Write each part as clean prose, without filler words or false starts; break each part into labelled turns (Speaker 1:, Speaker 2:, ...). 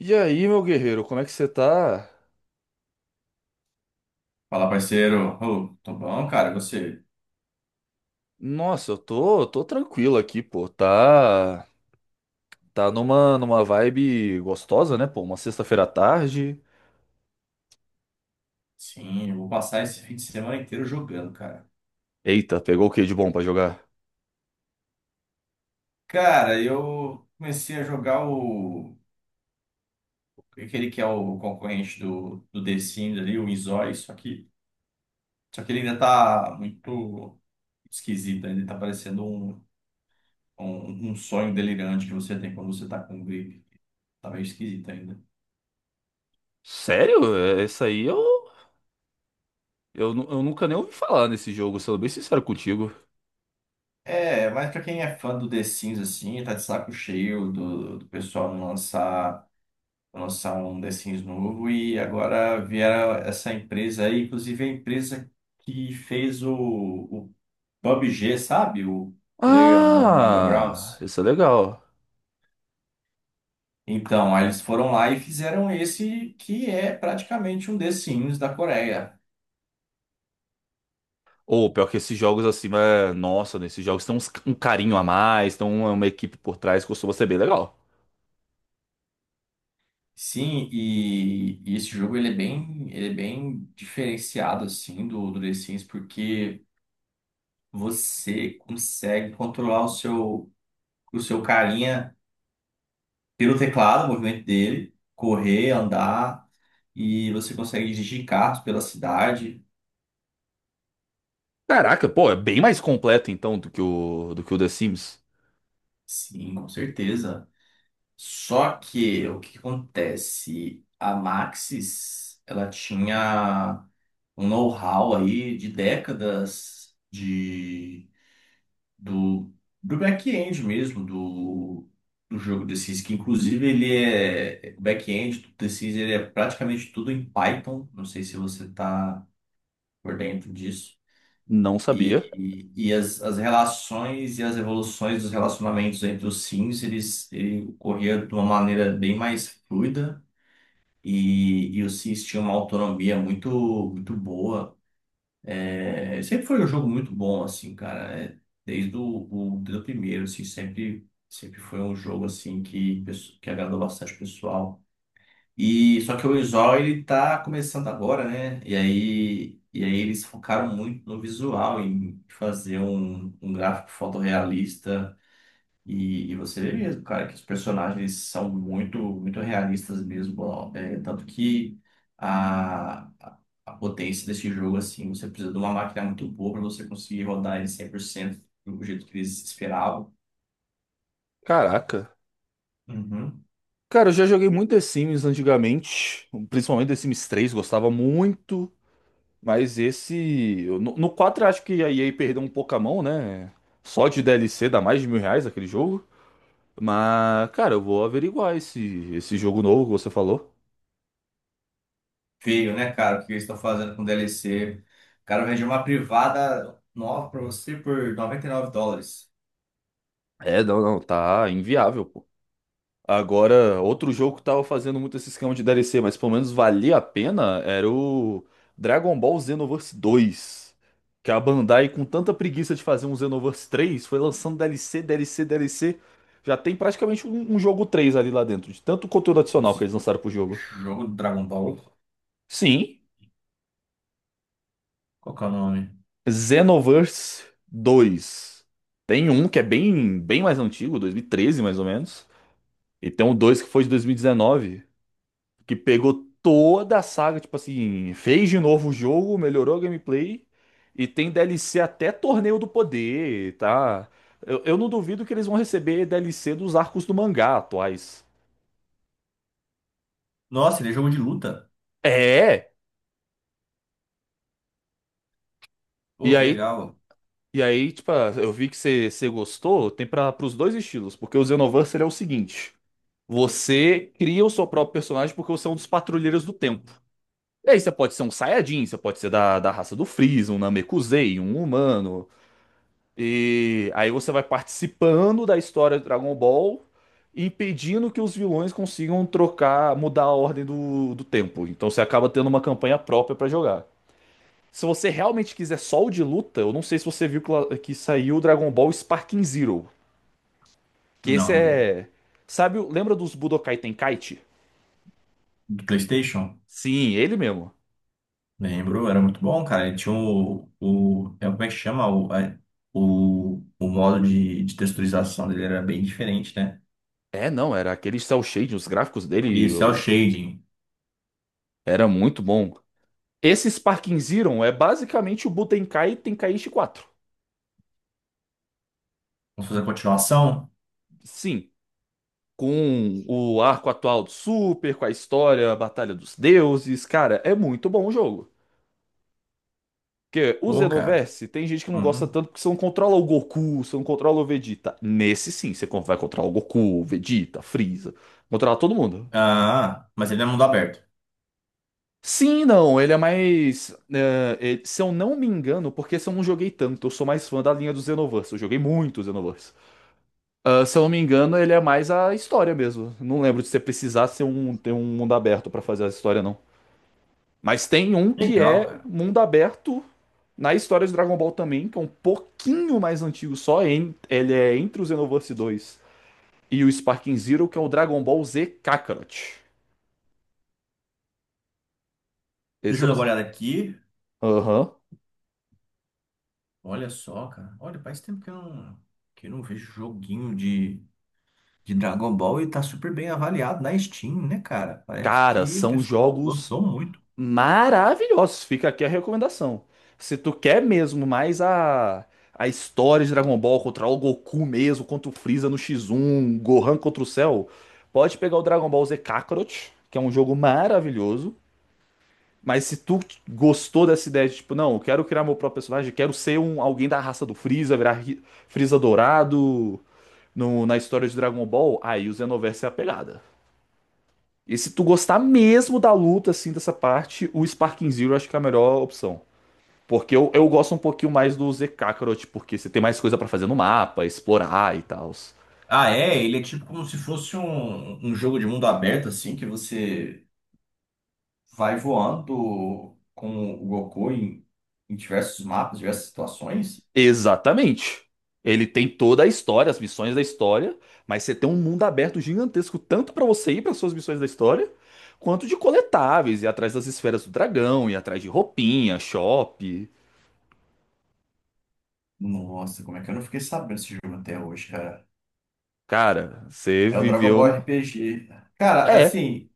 Speaker 1: E aí, meu guerreiro, como é que você tá?
Speaker 2: Fala, parceiro. Ô, tô bom, cara, você?
Speaker 1: Nossa, eu tô tranquilo aqui, pô. Tá numa vibe gostosa, né, pô? Uma sexta-feira à tarde.
Speaker 2: Sim, eu vou passar esse fim de semana inteiro jogando, cara.
Speaker 1: Eita, pegou o que de bom pra jogar?
Speaker 2: Cara, eu comecei a jogar o... Aquele que é o concorrente do The Sims ali, o Inzói, só que... Só que ele ainda tá muito esquisito, ainda tá parecendo um sonho delirante que você tem quando você tá com um gripe. Tá meio esquisito ainda.
Speaker 1: Sério? É, isso aí eu nunca nem ouvi falar nesse jogo, sendo bem sincero contigo.
Speaker 2: É, mas pra quem é fã do The Sims, assim, tá de saco cheio do pessoal não lançar... lançar um The Sims novo e agora vieram essa empresa aí, inclusive a empresa que fez o PUBG, sabe? O PlayerUnknown's
Speaker 1: Ah,
Speaker 2: Battlegrounds.
Speaker 1: isso é legal.
Speaker 2: Então, aí eles foram lá e fizeram esse que é praticamente um The Sims da Coreia.
Speaker 1: Ou pior que esses jogos assim, é, nossa, nesses jogos tem um carinho a mais, tem uma equipe por trás, costuma ser bem legal.
Speaker 2: Sim, e esse jogo ele é bem diferenciado assim do The Sims porque você consegue controlar o seu carinha pelo teclado, o movimento dele, correr, andar, e você consegue dirigir carros pela cidade.
Speaker 1: Caraca, pô, é bem mais completo então do que o The Sims.
Speaker 2: Sim, com certeza. Só que o que que acontece? A Maxis, ela tinha um know-how aí de décadas de do, do back-end mesmo do, do jogo The Sims, que inclusive ele é o back-end do The Sims, ele é praticamente tudo em Python. Não sei se você está por dentro disso.
Speaker 1: Não sabia.
Speaker 2: E as relações e as evoluções dos relacionamentos entre os sims, eles, ele ocorria de uma maneira bem mais fluida e os sims tinham uma autonomia muito, muito boa. É, sempre foi um jogo muito bom, assim, cara. É, desde o desde o primeiro, assim, sempre, sempre foi um jogo, assim, que, que agradou bastante o pessoal. E só que o visual ele tá começando agora, né? E aí eles focaram muito no visual, em fazer um gráfico fotorrealista. E você vê mesmo, cara, que os personagens são muito, muito realistas mesmo. Ó. É, tanto que a, a a potência desse jogo, assim, você precisa de uma máquina muito boa para você conseguir rodar ele 100% do jeito que eles esperavam.
Speaker 1: Caraca.
Speaker 2: Uhum.
Speaker 1: Cara, eu já joguei muito The Sims antigamente, principalmente The Sims 3, gostava muito, mas esse eu- no, no 4 eu acho que a EA perdeu um pouco a mão, né? Só de DLC dá mais de mil reais aquele jogo. Mas, cara, eu vou averiguar esse jogo novo que você falou.
Speaker 2: Feio, né, cara? O que eles estão fazendo com DLC? O cara vende uma privada nova pra você por US$ 99.
Speaker 1: É, não, tá inviável. Agora, outro jogo que tava fazendo muito esse esquema de DLC, mas pelo menos valia a pena, era o Dragon Ball Xenoverse 2. Que a Bandai, com tanta preguiça de fazer um Xenoverse 3, foi lançando DLC, DLC, DLC. Já tem praticamente um jogo 3 ali lá dentro, de tanto conteúdo
Speaker 2: Como
Speaker 1: adicional que eles
Speaker 2: assim?
Speaker 1: lançaram pro jogo.
Speaker 2: Jogo do Dragon Ball.
Speaker 1: Sim,
Speaker 2: Qual que é o nome?
Speaker 1: Xenoverse 2. Tem um que é bem mais antigo, 2013 mais ou menos. E tem o 2 que foi de 2019, que pegou toda a saga, tipo assim, fez de novo o jogo, melhorou a gameplay e tem DLC até Torneio do Poder, tá? Eu não duvido que eles vão receber DLC dos arcos do mangá atuais.
Speaker 2: Nossa, ele é jogo de luta.
Speaker 1: É,
Speaker 2: Pô,
Speaker 1: e
Speaker 2: que
Speaker 1: aí,
Speaker 2: legal.
Speaker 1: e aí, tipo, eu vi que você gostou, tem para os dois estilos, porque o Xenoverse ele é o seguinte. Você cria o seu próprio personagem porque você é um dos patrulheiros do tempo. E aí você pode ser um Saiyajin, você pode ser da raça do Freeza, um Namekusei, um humano. E aí você vai participando da história do Dragon Ball, impedindo que os vilões consigam trocar, mudar a ordem do tempo. Então você acaba tendo uma campanha própria pra jogar. Se você realmente quiser só o de luta, eu não sei se você viu que saiu o Dragon Ball Sparking Zero, que esse
Speaker 2: Não, não vi.
Speaker 1: é, sabe, lembra dos Budokai Tenkaichi?
Speaker 2: Do PlayStation?
Speaker 1: Sim, ele mesmo.
Speaker 2: Lembro, era muito bom, cara. Ele tinha o. O é, como é que chama? O modo de texturização dele era bem diferente, né?
Speaker 1: É, não, era aquele cel shading, os gráficos dele
Speaker 2: Isso, é o
Speaker 1: eu-
Speaker 2: shading.
Speaker 1: era muito bom. Esse Sparking Zero é basicamente o Budokai Tenkaichi 4.
Speaker 2: Vamos fazer a continuação?
Speaker 1: Sim, com o arco atual do Super, com a história, a Batalha dos Deuses, cara, é muito bom o jogo. Porque o
Speaker 2: Pô, cara.
Speaker 1: Xenoverse, tem gente que não gosta
Speaker 2: Uhum.
Speaker 1: tanto porque você não controla o Goku, você não controla o Vegeta. Nesse sim, você vai controlar o Goku, o Vegeta, Freeza, controlar todo mundo.
Speaker 2: Ah, mas ele é mundo aberto.
Speaker 1: Sim, não, ele é mais, é, se eu não me engano, porque se eu não joguei tanto, eu sou mais fã da linha do Xenoverse, eu joguei muito o Xenoverse. Ah, se eu não me engano, ele é mais a história mesmo. Não lembro de você precisar ser um, ter um mundo aberto pra fazer a história, não. Mas tem um que
Speaker 2: Legal,
Speaker 1: é
Speaker 2: cara.
Speaker 1: mundo aberto na história de Dragon Ball também, que é um pouquinho mais antigo só. Ele é entre o Xenoverse 2 e o Sparking Zero, que é o Dragon Ball Z Kakarot. Esses
Speaker 2: Deixa
Speaker 1: são
Speaker 2: eu dar uma
Speaker 1: os…
Speaker 2: olhada aqui.
Speaker 1: Aham.
Speaker 2: Olha só, cara. Olha, faz tempo que eu não vejo joguinho de Dragon Ball e tá super bem avaliado na Steam, né, cara? Parece
Speaker 1: Cara,
Speaker 2: que o
Speaker 1: são
Speaker 2: pessoal
Speaker 1: jogos
Speaker 2: gostou muito.
Speaker 1: maravilhosos. Fica aqui a recomendação. Se tu quer mesmo mais a história de Dragon Ball contra o Goku mesmo, contra o Freeza no X1, Gohan contra o Cell, pode pegar o Dragon Ball Z Kakarot, que é um jogo maravilhoso. Mas se tu gostou dessa ideia de, tipo, não, eu quero criar meu próprio personagem, quero ser um, alguém da raça do Freeza, virar Freeza dourado na história de Dragon Ball, aí o Xenoverse é a pegada. E se tu gostar mesmo da luta, assim, dessa parte, o Sparking Zero eu acho que é a melhor opção. Porque eu gosto um pouquinho mais do Z Kakarot, porque você tem mais coisa pra fazer no mapa, explorar e tal.
Speaker 2: Ah, é? Ele é tipo como se fosse um jogo de mundo aberto, assim, que você vai voando com o Goku em diversos mapas, diversas situações.
Speaker 1: Exatamente. Ele tem toda a história, as missões da história, mas você tem um mundo aberto gigantesco, tanto pra você ir para suas missões da história, quanto de coletáveis, ir atrás das esferas do dragão, ir atrás de roupinha, shop.
Speaker 2: Nossa, como é que eu não fiquei sabendo desse jogo até hoje, cara?
Speaker 1: Cara, você
Speaker 2: É o Dragon
Speaker 1: viveu
Speaker 2: Ball
Speaker 1: no.
Speaker 2: RPG. Cara,
Speaker 1: É,
Speaker 2: assim.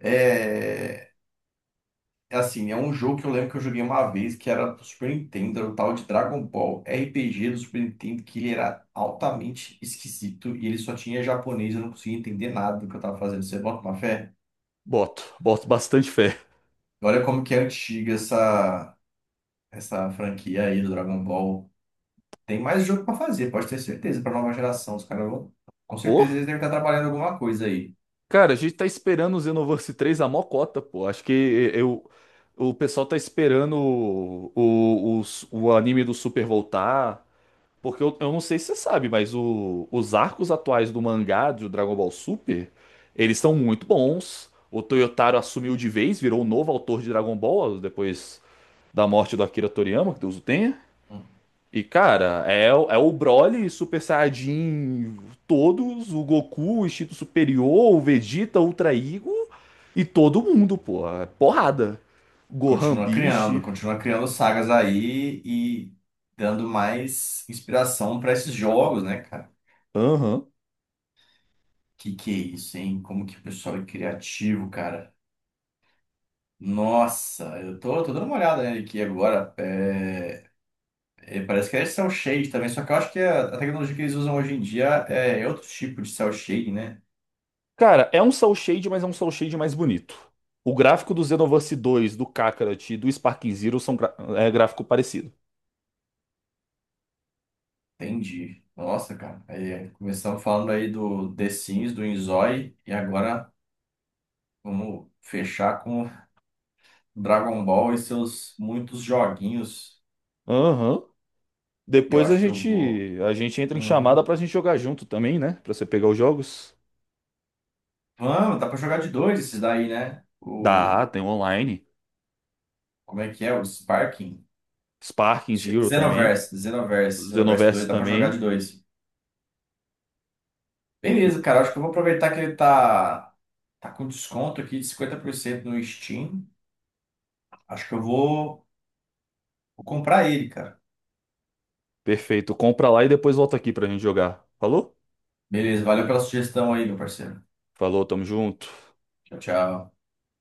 Speaker 2: É... É assim, é um jogo que eu lembro que eu joguei uma vez, que era do Super Nintendo, era o tal de Dragon Ball RPG do Super Nintendo, que ele era altamente esquisito e ele só tinha japonês, eu não conseguia entender nada do que eu tava fazendo. Você bota uma fé?
Speaker 1: boto bastante fé.
Speaker 2: Olha como que é essa franquia aí do Dragon Ball. Tem mais jogo pra fazer, pode ter certeza, pra nova geração. Os caras vão. Com
Speaker 1: Ô,
Speaker 2: certeza eles devem estar trabalhando em alguma coisa aí.
Speaker 1: cara, a gente tá esperando o Xenoverse 3 a mocota, pô. O pessoal tá esperando o anime do Super voltar. Porque eu não sei se você sabe, mas os arcos atuais do mangá do Dragon Ball Super, eles são muito bons. O Toyotaro assumiu de vez, virou o novo autor de Dragon Ball depois da morte do Akira Toriyama, que Deus o tenha.
Speaker 2: Hum.
Speaker 1: E, cara, é, é o Broly, Super Saiyajin, todos, o Goku, o Instinto Superior, o Vegeta, o Ultra Ego e todo mundo, pô. É porrada. Gohan Beast.
Speaker 2: Continua criando sagas aí e dando mais inspiração pra esses jogos, né, cara?
Speaker 1: Aham.
Speaker 2: Que é isso, hein? Como que o pessoal é criativo, cara. Nossa, eu tô dando uma olhada nele aqui agora. É, é, parece que é cel shade também, só que eu acho que a tecnologia que eles usam hoje em dia é outro tipo de cel shade, né?
Speaker 1: Cara, é um Soul Shade, mas é um Soul Shade mais bonito. O gráfico do Xenoverse 2, do Kakarot e do Sparking Zero são é gráfico parecido.
Speaker 2: Entendi. Nossa, cara. Aí, é, começamos falando aí do The Sims, do Inzói, e agora vamos fechar com Dragon Ball e seus muitos joguinhos.
Speaker 1: Aham.
Speaker 2: Eu
Speaker 1: Depois
Speaker 2: acho que eu vou.
Speaker 1: a gente entra em chamada
Speaker 2: Uhum.
Speaker 1: pra gente jogar junto também, né? Pra você pegar os jogos.
Speaker 2: Vamos, dá pra jogar de dois esses daí, né? O
Speaker 1: Dá, tem online.
Speaker 2: como é que é? O Sparking?
Speaker 1: Sparking Zero também.
Speaker 2: Xenoverse, Xenoverse, Xenoverse 2,
Speaker 1: Xenoverse
Speaker 2: dá pra jogar de
Speaker 1: também.
Speaker 2: dois.
Speaker 1: E-
Speaker 2: Beleza, cara, acho que eu vou aproveitar que ele tá com desconto aqui de 50% no Steam. Acho que vou comprar ele, cara.
Speaker 1: Perfeito. Compra lá e depois volta aqui pra gente jogar. Falou?
Speaker 2: Beleza, valeu pela sugestão aí, meu parceiro.
Speaker 1: Falou, tamo junto.
Speaker 2: Tchau, tchau.